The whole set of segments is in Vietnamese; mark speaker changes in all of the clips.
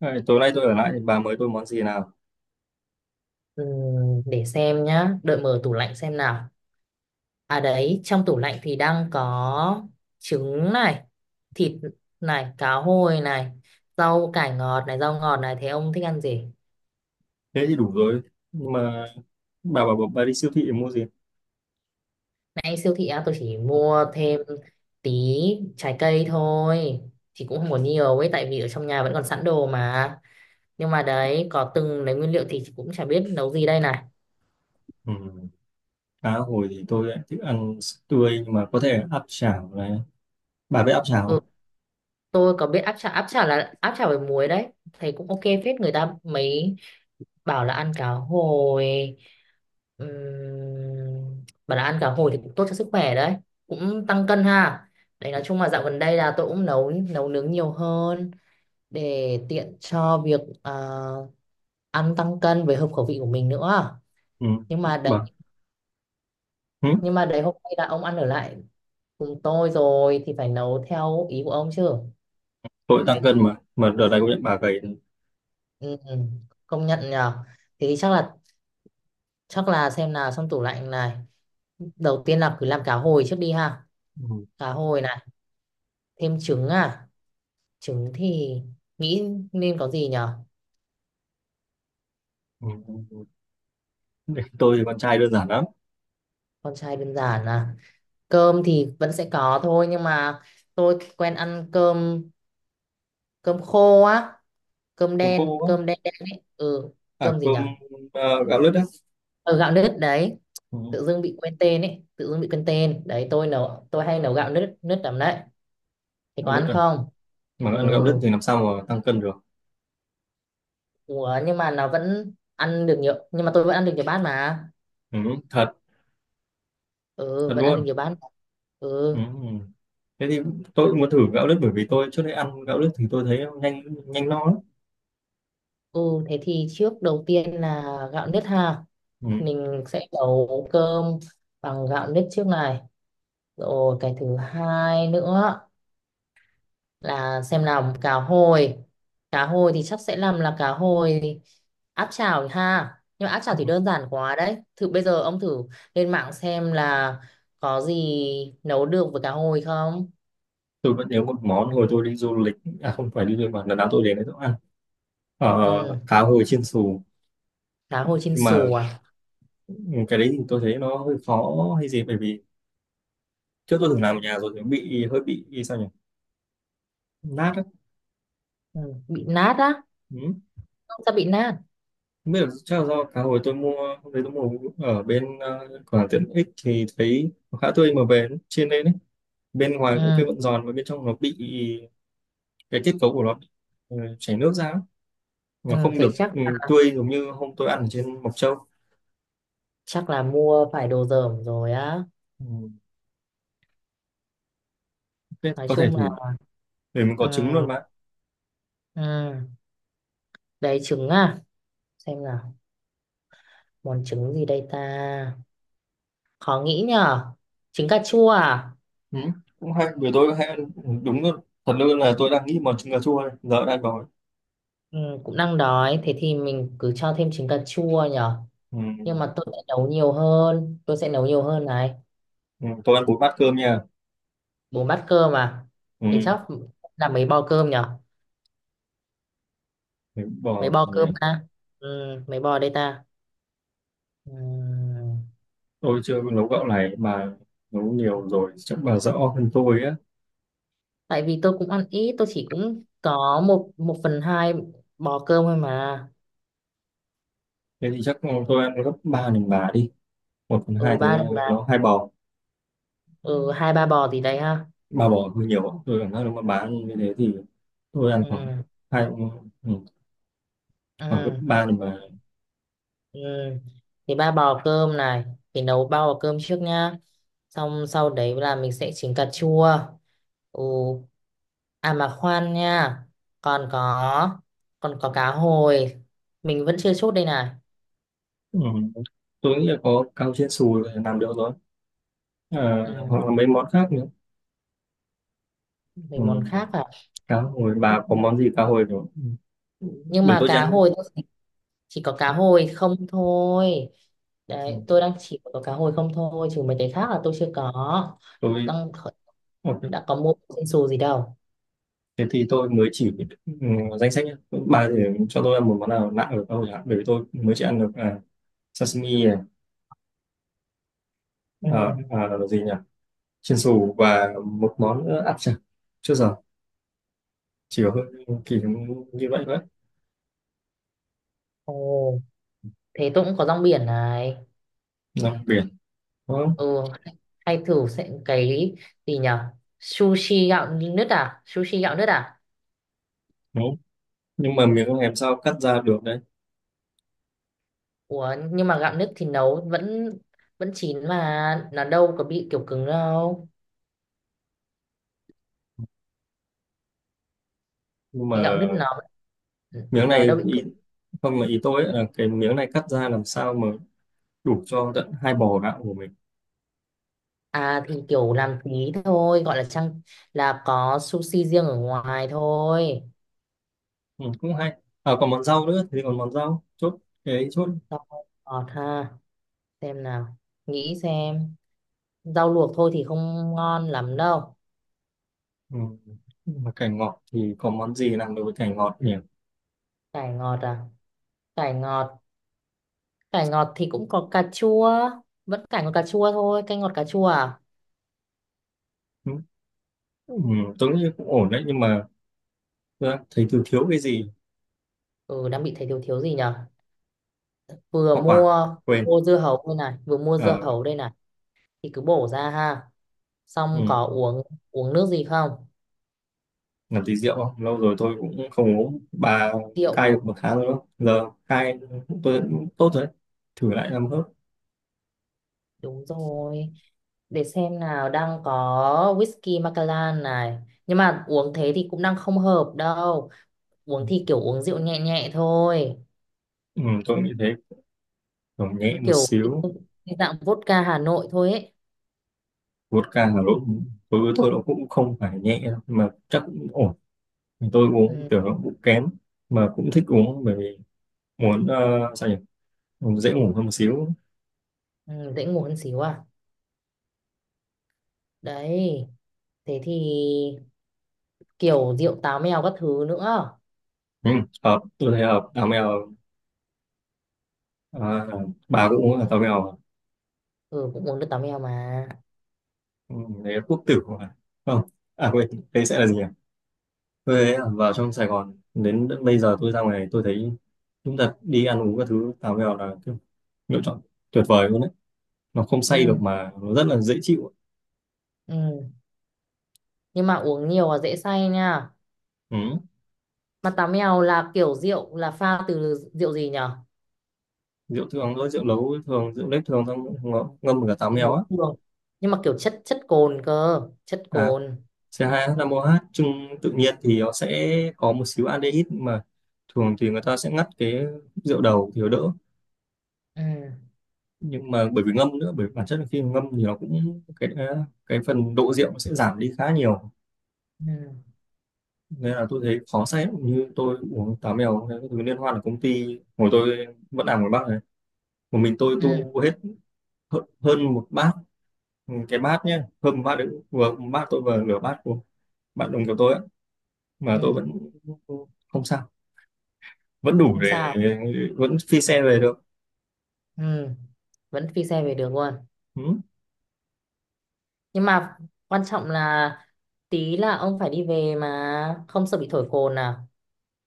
Speaker 1: Này, tối nay tôi ở lại thì bà mời tôi món gì nào?
Speaker 2: Để xem nhá, đợi mở tủ lạnh xem nào. À đấy, trong tủ lạnh thì đang có trứng này, thịt này, cá hồi này, rau cải ngọt này, rau ngọt này. Thế ông thích ăn gì?
Speaker 1: Thế thì đủ rồi. Nhưng mà bà bảo bà đi siêu thị để mua gì?
Speaker 2: Nãy siêu thị á, tôi chỉ
Speaker 1: Ừ.
Speaker 2: mua thêm tí trái cây thôi. Thì cũng không có nhiều ấy, tại vì ở trong nhà vẫn còn sẵn đồ mà. Nhưng mà đấy, có từng lấy nguyên liệu thì chị cũng chả biết nấu gì đây này.
Speaker 1: Ừ. Cá hồi thì tôi lại thích ăn tươi, nhưng mà có thể áp chảo này. Bà biết áp chảo không?
Speaker 2: Ừ, tôi có biết áp chả là áp chả với muối đấy. Thấy cũng ok phết, người ta mấy bảo là ăn cá hồi, bảo là ăn cá hồi thì cũng tốt cho sức khỏe đấy, cũng tăng cân ha. Đấy, nói chung là dạo gần đây là tôi cũng nấu nấu nướng nhiều hơn, để tiện cho việc ăn tăng cân với hợp khẩu vị của mình nữa.
Speaker 1: Ừ.
Speaker 2: Nhưng mà đấy,
Speaker 1: Bà. Ừ.
Speaker 2: hôm nay là ông ăn ở lại cùng tôi rồi thì phải nấu theo ý của ông chứ.
Speaker 1: Tôi tăng cân mà. Mà đợt này công nhận bà gầy.
Speaker 2: Ừ, ừ, công nhận nhờ. Thì chắc là, xem nào, trong tủ lạnh này đầu tiên là cứ làm cá hồi trước đi ha.
Speaker 1: Ừ.
Speaker 2: Cá hồi này, thêm trứng à, trứng thì nghĩ nên có gì nhở.
Speaker 1: Ừ. Để tôi, thì con trai đơn giản lắm.
Speaker 2: Con trai đơn giản à, cơm thì vẫn sẽ có thôi nhưng mà tôi quen ăn cơm, cơm khô á,
Speaker 1: Cơm khô quá.
Speaker 2: cơm đen đen ấy. Ừ,
Speaker 1: À
Speaker 2: cơm gì
Speaker 1: cơm,
Speaker 2: nhở,
Speaker 1: gạo lứt á.
Speaker 2: ở gạo nếp đấy.
Speaker 1: Ừ.
Speaker 2: Tự dưng bị quên tên đấy, tôi nấu, tôi hay nấu gạo nếp nếp lắm đấy. Thì
Speaker 1: Gạo
Speaker 2: có
Speaker 1: lứt
Speaker 2: ăn
Speaker 1: à.
Speaker 2: không?
Speaker 1: Mà
Speaker 2: Ừ.
Speaker 1: ăn gạo lứt thì làm sao mà tăng cân được.
Speaker 2: Ủa, nhưng mà nó vẫn ăn được nhiều, nhưng mà tôi vẫn ăn được nhiều bát mà.
Speaker 1: Ừ. Thật.
Speaker 2: Ừ,
Speaker 1: Thật
Speaker 2: vẫn ăn
Speaker 1: luôn.
Speaker 2: được nhiều bát.
Speaker 1: Ừ.
Speaker 2: Ừ.
Speaker 1: Thế thì tôi cũng muốn thử gạo lứt, bởi vì tôi trước đây ăn gạo lứt thì tôi thấy nó nhanh nhanh no lắm.
Speaker 2: Ừ, thế thì trước đầu tiên là gạo nếp ha.
Speaker 1: Ừ.
Speaker 2: Mình sẽ nấu cơm bằng gạo nếp trước này. Rồi cái thứ hai nữa là xem làm cá hồi. Cá hồi thì chắc sẽ làm là cá hồi áp chảo ha. Nhưng mà áp chảo thì đơn giản quá đấy. Thử bây giờ ông thử lên mạng xem là có gì nấu được với cá hồi không?
Speaker 1: Tôi vẫn nhớ một món hồi tôi đi du lịch, à không phải đi du lịch, mà lần nào tôi đến đấy tôi cũng ăn, ờ,
Speaker 2: Ừ,
Speaker 1: cá hồi chiên xù.
Speaker 2: cá hồi chiên
Speaker 1: Nhưng mà
Speaker 2: xù à?
Speaker 1: ừ, cái đấy thì tôi thấy nó hơi khó hay gì, bởi vì trước tôi từng làm ở nhà rồi thì nó bị hơi bị sao nhỉ, nát á.
Speaker 2: Ừ, bị nát á.
Speaker 1: Ừ.
Speaker 2: Không sao bị nát.
Speaker 1: Không biết, là chắc là do cá hồi tôi mua, hôm đấy tôi mua ở bên cửa hàng tiện ích, thì thấy nó khá tươi mà về nó chiên lên đấy, bên ngoài cũng cái
Speaker 2: Ừ,
Speaker 1: vẫn giòn và bên trong nó bị, cái kết cấu của nó bị, chảy nước ra mà
Speaker 2: ừ,
Speaker 1: không
Speaker 2: thế
Speaker 1: được
Speaker 2: chắc
Speaker 1: tươi, giống như hôm tôi ăn ở trên Mộc Châu.
Speaker 2: chắc là mua phải đồ dởm rồi á.
Speaker 1: ừ, Thế
Speaker 2: Nói
Speaker 1: có thể
Speaker 2: chung
Speaker 1: thử,
Speaker 2: là
Speaker 1: để mình có trứng
Speaker 2: ừ,
Speaker 1: luôn mà.
Speaker 2: ừ. Đấy, trứng à, xem nào, món trứng gì đây ta, khó nghĩ nhở. Trứng cà chua à?
Speaker 1: Ừ. Cũng hay, bởi tôi hay ăn, đúng luôn, thật luôn là tôi đang nghĩ món trứng cà chua đây. Giờ đã ăn bò.
Speaker 2: Ừ, cũng đang đói, thế thì mình cứ cho thêm trứng cà chua nhở.
Speaker 1: Ừ.
Speaker 2: Nhưng mà tôi sẽ nấu nhiều hơn, này.
Speaker 1: Ừ. Tôi ăn 4 bát cơm nha.
Speaker 2: Bốn bát cơm à?
Speaker 1: Ừ.
Speaker 2: Thì chắc là mấy bò cơm nhở,
Speaker 1: Đúng
Speaker 2: mấy
Speaker 1: rồi
Speaker 2: bò
Speaker 1: nhỉ.
Speaker 2: cơm ta. Ừ, mấy bò đây ta. Ừ.
Speaker 1: Tôi chưa nấu gạo này mà, nấu nhiều rồi chắc bà rõ hơn tôi á.
Speaker 2: Tại vì tôi cũng ăn ít, tôi chỉ cũng có một một phần hai bò cơm thôi mà.
Speaker 1: Thế thì chắc tôi ăn gấp 3 lần bà đi. Một phần
Speaker 2: Ừ,
Speaker 1: hai
Speaker 2: ba
Speaker 1: thì
Speaker 2: ba.
Speaker 1: nó hai bò,
Speaker 2: Ừ, hai ba bò gì đấy ha.
Speaker 1: ba bò hơi nhiều tôi cảm giác, nếu mà bà ăn như thế thì tôi ăn khoảng
Speaker 2: Ừ.
Speaker 1: hai, ừ, khoảng gấp
Speaker 2: Ừ.
Speaker 1: ba lần bà.
Speaker 2: Ừ. Thì ba bò cơm này, thì nấu ba bò cơm trước nhá, xong sau đấy là mình sẽ chỉnh cà chua. Ừ, à mà khoan nha, còn có, cá hồi mình vẫn chưa chốt đây này.
Speaker 1: Ừ. Tôi nghĩ là có cao chiên xù là làm được rồi, à,
Speaker 2: Ừ,
Speaker 1: hoặc là mấy món khác nữa. Ừ.
Speaker 2: mình món khác à?
Speaker 1: Cá hồi, bà có món gì cá hồi nữa. Ừ.
Speaker 2: Nhưng
Speaker 1: Để
Speaker 2: mà
Speaker 1: tôi
Speaker 2: cá
Speaker 1: ăn.
Speaker 2: hồi tôi chỉ có cá hồi không thôi.
Speaker 1: Ừ.
Speaker 2: Đấy, tôi đang chỉ có cá hồi không thôi, chứ mấy cái khác là tôi chưa có,
Speaker 1: Tôi
Speaker 2: đang
Speaker 1: ok.
Speaker 2: đã có mua trên xù gì đâu.
Speaker 1: Thế thì tôi mới chỉ, ừ, danh sách nhá. Bà thì cho tôi ăn một món nào lạ ở cá hồi hả, bởi vì tôi mới chỉ ăn được, à, sashimi này,
Speaker 2: Ừ.
Speaker 1: là gì nhỉ, chiên xù và một món nữa áp chảo. Chưa giờ chỉ có, hơi kỳ như vậy thôi.
Speaker 2: Ồ, thế tôi cũng có rong biển này.
Speaker 1: Nào, biển đúng không?
Speaker 2: Ừ, hay, thử sẽ cái gì nhở. Sushi gạo nứt à,
Speaker 1: Đúng. Nhưng mà miếng em sao cắt ra được đấy.
Speaker 2: ủa nhưng mà gạo nứt thì nấu vẫn vẫn chín mà, nó đâu có bị kiểu cứng đâu.
Speaker 1: Nhưng mà
Speaker 2: Cái gạo nứt nó
Speaker 1: miếng này
Speaker 2: đâu bị
Speaker 1: ý,
Speaker 2: cứng.
Speaker 1: không mà ý tôi ấy là cái miếng này cắt ra làm sao mà đủ cho tận hai bò gạo của mình.
Speaker 2: À thì kiểu làm tí thôi, gọi là trang, là có sushi riêng ở ngoài thôi.
Speaker 1: Ừ, cũng hay. À, còn món rau nữa thì còn món rau chốt, cái ấy chốt.
Speaker 2: Rau ngọt ha, xem nào, nghĩ xem. Rau luộc thôi thì không ngon lắm đâu.
Speaker 1: Ừ. Mà cải ngọt thì có món gì làm được với cải ngọt nhỉ.
Speaker 2: Cải ngọt à, cải ngọt, cải ngọt thì cũng có cà chua, vẫn cải ngọt cà chua thôi, canh ngọt cà chua à.
Speaker 1: Ừ. Ừ, tôi nghĩ cũng ổn đấy, nhưng mà tôi đang thấy thiếu thiếu cái gì.
Speaker 2: Ừ, đang bị thấy thiếu thiếu gì nhở.
Speaker 1: Hoa quả,
Speaker 2: Vừa
Speaker 1: quên.
Speaker 2: mua dưa hấu đây này,
Speaker 1: Ờ,
Speaker 2: thì cứ bổ ra ha,
Speaker 1: ừ.
Speaker 2: xong có uống uống nước gì không?
Speaker 1: Làm tí rượu không, lâu rồi tôi cũng không uống bà.
Speaker 2: Rượu.
Speaker 1: Cai được 1 tháng rồi đó. Giờ cai tôi cũng tốt rồi đấy. Thử lại 5 hớp.
Speaker 2: Đúng rồi. Để xem nào, đang có whisky Macallan này. Nhưng mà uống thế thì cũng đang không hợp đâu. Uống thì
Speaker 1: Ừ.
Speaker 2: kiểu uống rượu nhẹ nhẹ thôi.
Speaker 1: Ừ, tôi nghĩ thế, còn nhẹ một
Speaker 2: Kiểu
Speaker 1: xíu.
Speaker 2: cái dạng vodka Hà Nội thôi ấy.
Speaker 1: Vodka Hà Nội đối với tôi nó cũng không phải nhẹ đâu, mà chắc cũng ổn. Thì tôi uống
Speaker 2: Ừ,
Speaker 1: kiểu nó cũng kém, mà cũng thích uống bởi vì muốn, sao nhỉ, muốn dễ ngủ hơn một xíu.
Speaker 2: ừ, dễ ngủ hơn xíu à. Đấy, thế thì kiểu rượu táo mèo các thứ nữa.
Speaker 1: Ừ. Hợp, tôi thấy hợp táo mèo. À, bà cũng uống là táo mèo à?
Speaker 2: Ừ, cũng uống được táo mèo mà.
Speaker 1: Ừ, đấy là quốc tử mà. Không, à quên, đấy sẽ là gì nhỉ. Tôi thấy là vào trong Sài Gòn đến bây giờ tôi ra ngoài tôi thấy, chúng ta đi ăn uống các thứ, táo mèo là kiểu lựa chọn tuyệt vời luôn đấy. Nó không say được
Speaker 2: Ừ,
Speaker 1: mà nó rất là dễ chịu.
Speaker 2: ừ. Nhưng mà uống nhiều là dễ say nha.
Speaker 1: Ừ.
Speaker 2: Mà táo mèo là kiểu rượu là pha từ rượu gì nhỉ?
Speaker 1: Rượu thường thôi, rượu nấu thường, rượu nếp thường, xong ngâm cả táo
Speaker 2: Chữ
Speaker 1: mèo
Speaker 2: nấu
Speaker 1: á.
Speaker 2: thường, nhưng mà kiểu chất chất cồn cơ, chất
Speaker 1: À,
Speaker 2: cồn.
Speaker 1: C2H5OH chung tự nhiên thì nó sẽ có một xíu aldehyde, nhưng mà thường thì người ta sẽ ngắt cái rượu đầu thì nó đỡ.
Speaker 2: Ừ.
Speaker 1: Nhưng mà bởi vì ngâm nữa, bởi vì bản chất là khi mà ngâm thì nó cũng cái, à, cái phần độ rượu nó sẽ giảm đi khá nhiều.
Speaker 2: Ừ.
Speaker 1: Nên là tôi thấy khó say lắm. Như tôi uống táo mèo cái thứ liên hoan ở công ty hồi tôi vẫn làm ở Bắc này, một mình tôi
Speaker 2: Ừ.
Speaker 1: tu hết hơn hơn một bát. Ừ, cái bát nhé, hơn một bát đấy, vừa một bát tôi vừa nửa bát bạn đồng của tôi á, mà tôi
Speaker 2: Ừ,
Speaker 1: vẫn không sao, vẫn đủ
Speaker 2: không
Speaker 1: để
Speaker 2: sao.
Speaker 1: vẫn phi xe về được.
Speaker 2: Ừ, vẫn phi xe về được luôn.
Speaker 1: Ừ.
Speaker 2: Nhưng mà quan trọng là tí là ông phải đi về mà không sợ bị thổi cồn à.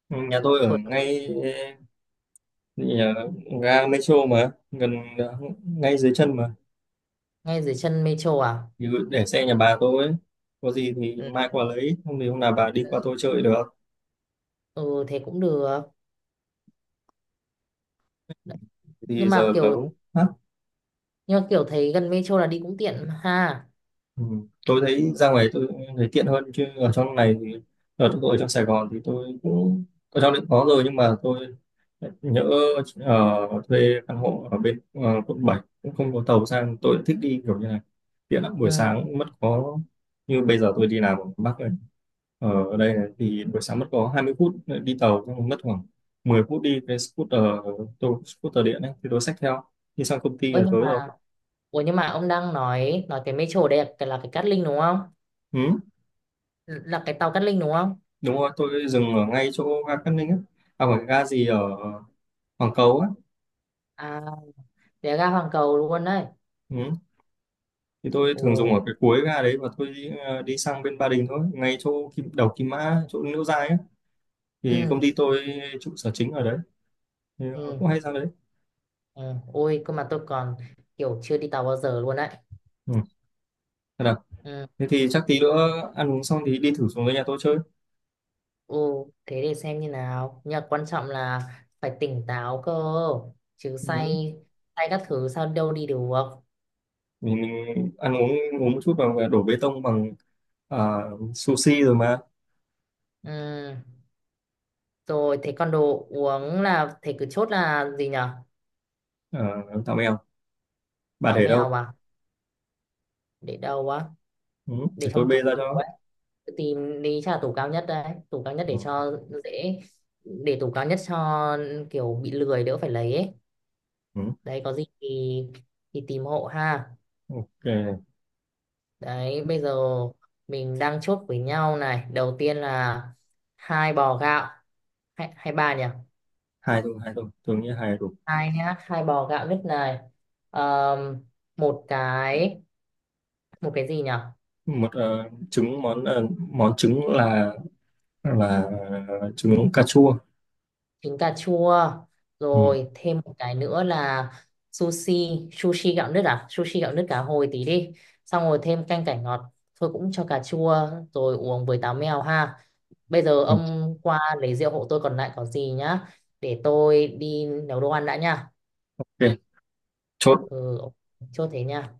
Speaker 1: Nhà tôi ở
Speaker 2: Thổi.
Speaker 1: ngay nhà ga metro mà, gần ngay dưới chân mà.
Speaker 2: Ngay dưới chân metro à?
Speaker 1: Thì để xe nhà bà tôi ấy. Có gì thì
Speaker 2: Ừ,
Speaker 1: mai qua lấy, không thì hôm nào bà đi qua tôi chơi được.
Speaker 2: ừ thế cũng được. Đấy,
Speaker 1: Thì
Speaker 2: nhưng mà
Speaker 1: giờ
Speaker 2: kiểu,
Speaker 1: nấu hả?
Speaker 2: thấy gần metro là đi cũng tiện mà ha.
Speaker 1: Ừ. Tôi thấy ra ngoài tôi thấy tiện hơn, chứ ở trong này thì, ở tôi ở trong Sài Gòn thì tôi cũng ở trong định có rồi, nhưng mà tôi nhỡ ở thuê căn hộ ở bên quận 7, cũng không có tàu sang, tôi lại thích đi kiểu như này tiện lắm, buổi
Speaker 2: Ừ.
Speaker 1: sáng mất có, như bây giờ tôi đi làm ở Bắc này, ở đây này, thì buổi sáng mất có 20 phút đi tàu, xong mất khoảng 10 phút đi cái scooter, tôi scooter điện ấy, thì tôi xách theo đi sang công ty
Speaker 2: Ôi,
Speaker 1: là
Speaker 2: nhưng
Speaker 1: tới rồi.
Speaker 2: mà, ủa nhưng mà ông đang nói cái metro đây là cái, là cái Cát Linh đúng không,
Speaker 1: Ừ.
Speaker 2: là cái tàu Cát Linh đúng không?
Speaker 1: Đúng rồi, tôi dừng ở ngay chỗ ga Cát Linh á, à phải ga gì ở Hoàng Cầu á.
Speaker 2: À, để ra Hoàng Cầu luôn đấy.
Speaker 1: Ừ. Thì tôi
Speaker 2: Ồ.
Speaker 1: thường dùng ở cái cuối ga đấy, và tôi đi, đi sang bên Ba Đình thôi, ngay chỗ kim, đầu Kim Mã, chỗ Liễu Giai á. Thì công
Speaker 2: Ừ.
Speaker 1: ty tôi trụ sở chính ở đấy, thì
Speaker 2: Ừ.
Speaker 1: cũng hay sang đấy.
Speaker 2: Ừ. Ôi cơ mà tôi còn kiểu chưa đi tàu bao giờ luôn đấy.
Speaker 1: Ừ. Thật à.
Speaker 2: Ừ.
Speaker 1: Thế thì chắc tí nữa ăn uống xong thì đi thử xuống dưới nhà tôi chơi.
Speaker 2: Ồ thế để xem như nào, nhưng mà quan trọng là phải tỉnh táo cơ, chứ
Speaker 1: Ừ.
Speaker 2: say say các thứ sao đâu đi được.
Speaker 1: mình ăn uống, uống một chút và đổ bê tông bằng, sushi rồi mà.
Speaker 2: Ừ. Rồi thế còn đồ uống là thế cứ chốt là gì nhở?
Speaker 1: Tạm bèo, bà
Speaker 2: Táo
Speaker 1: để
Speaker 2: mèo
Speaker 1: đâu.
Speaker 2: à, để đâu á,
Speaker 1: Ừ.
Speaker 2: để
Speaker 1: Để tôi
Speaker 2: trong tủ.
Speaker 1: bê ra cho.
Speaker 2: Tìm đi, chắc là tủ cao nhất đấy, tủ cao nhất
Speaker 1: Ừ.
Speaker 2: để cho dễ. Để tủ cao nhất cho kiểu bị lười, đỡ phải lấy ấy.
Speaker 1: Ừ.
Speaker 2: Đấy, có gì thì tìm hộ ha.
Speaker 1: Ok.
Speaker 2: Đấy, bây giờ mình đang chốt với nhau này, đầu tiên là hai bò gạo, hay, ba nhỉ.
Speaker 1: Hai thôi, hai thôi, tôi nghĩ hai là đủ.
Speaker 2: Hai nhá, hai bò gạo nứt này. Ờm, một cái, gì nhỉ,
Speaker 1: Một, trứng, món trứng là, là trứng cà chua.
Speaker 2: trứng cà chua.
Speaker 1: Ừ.
Speaker 2: Rồi thêm một cái nữa là sushi, sushi gạo nứt à sushi gạo nứt cá hồi tí đi. Xong rồi thêm canh cải ngọt thôi, cũng cho cà chua. Rồi uống với táo mèo ha. Bây giờ
Speaker 1: Ừ.
Speaker 2: ông qua lấy rượu hộ tôi, còn lại có gì nhá. Để tôi đi nấu đồ ăn đã nha.
Speaker 1: Ok chốt.
Speaker 2: Ừ, ok. Chốt thế nha.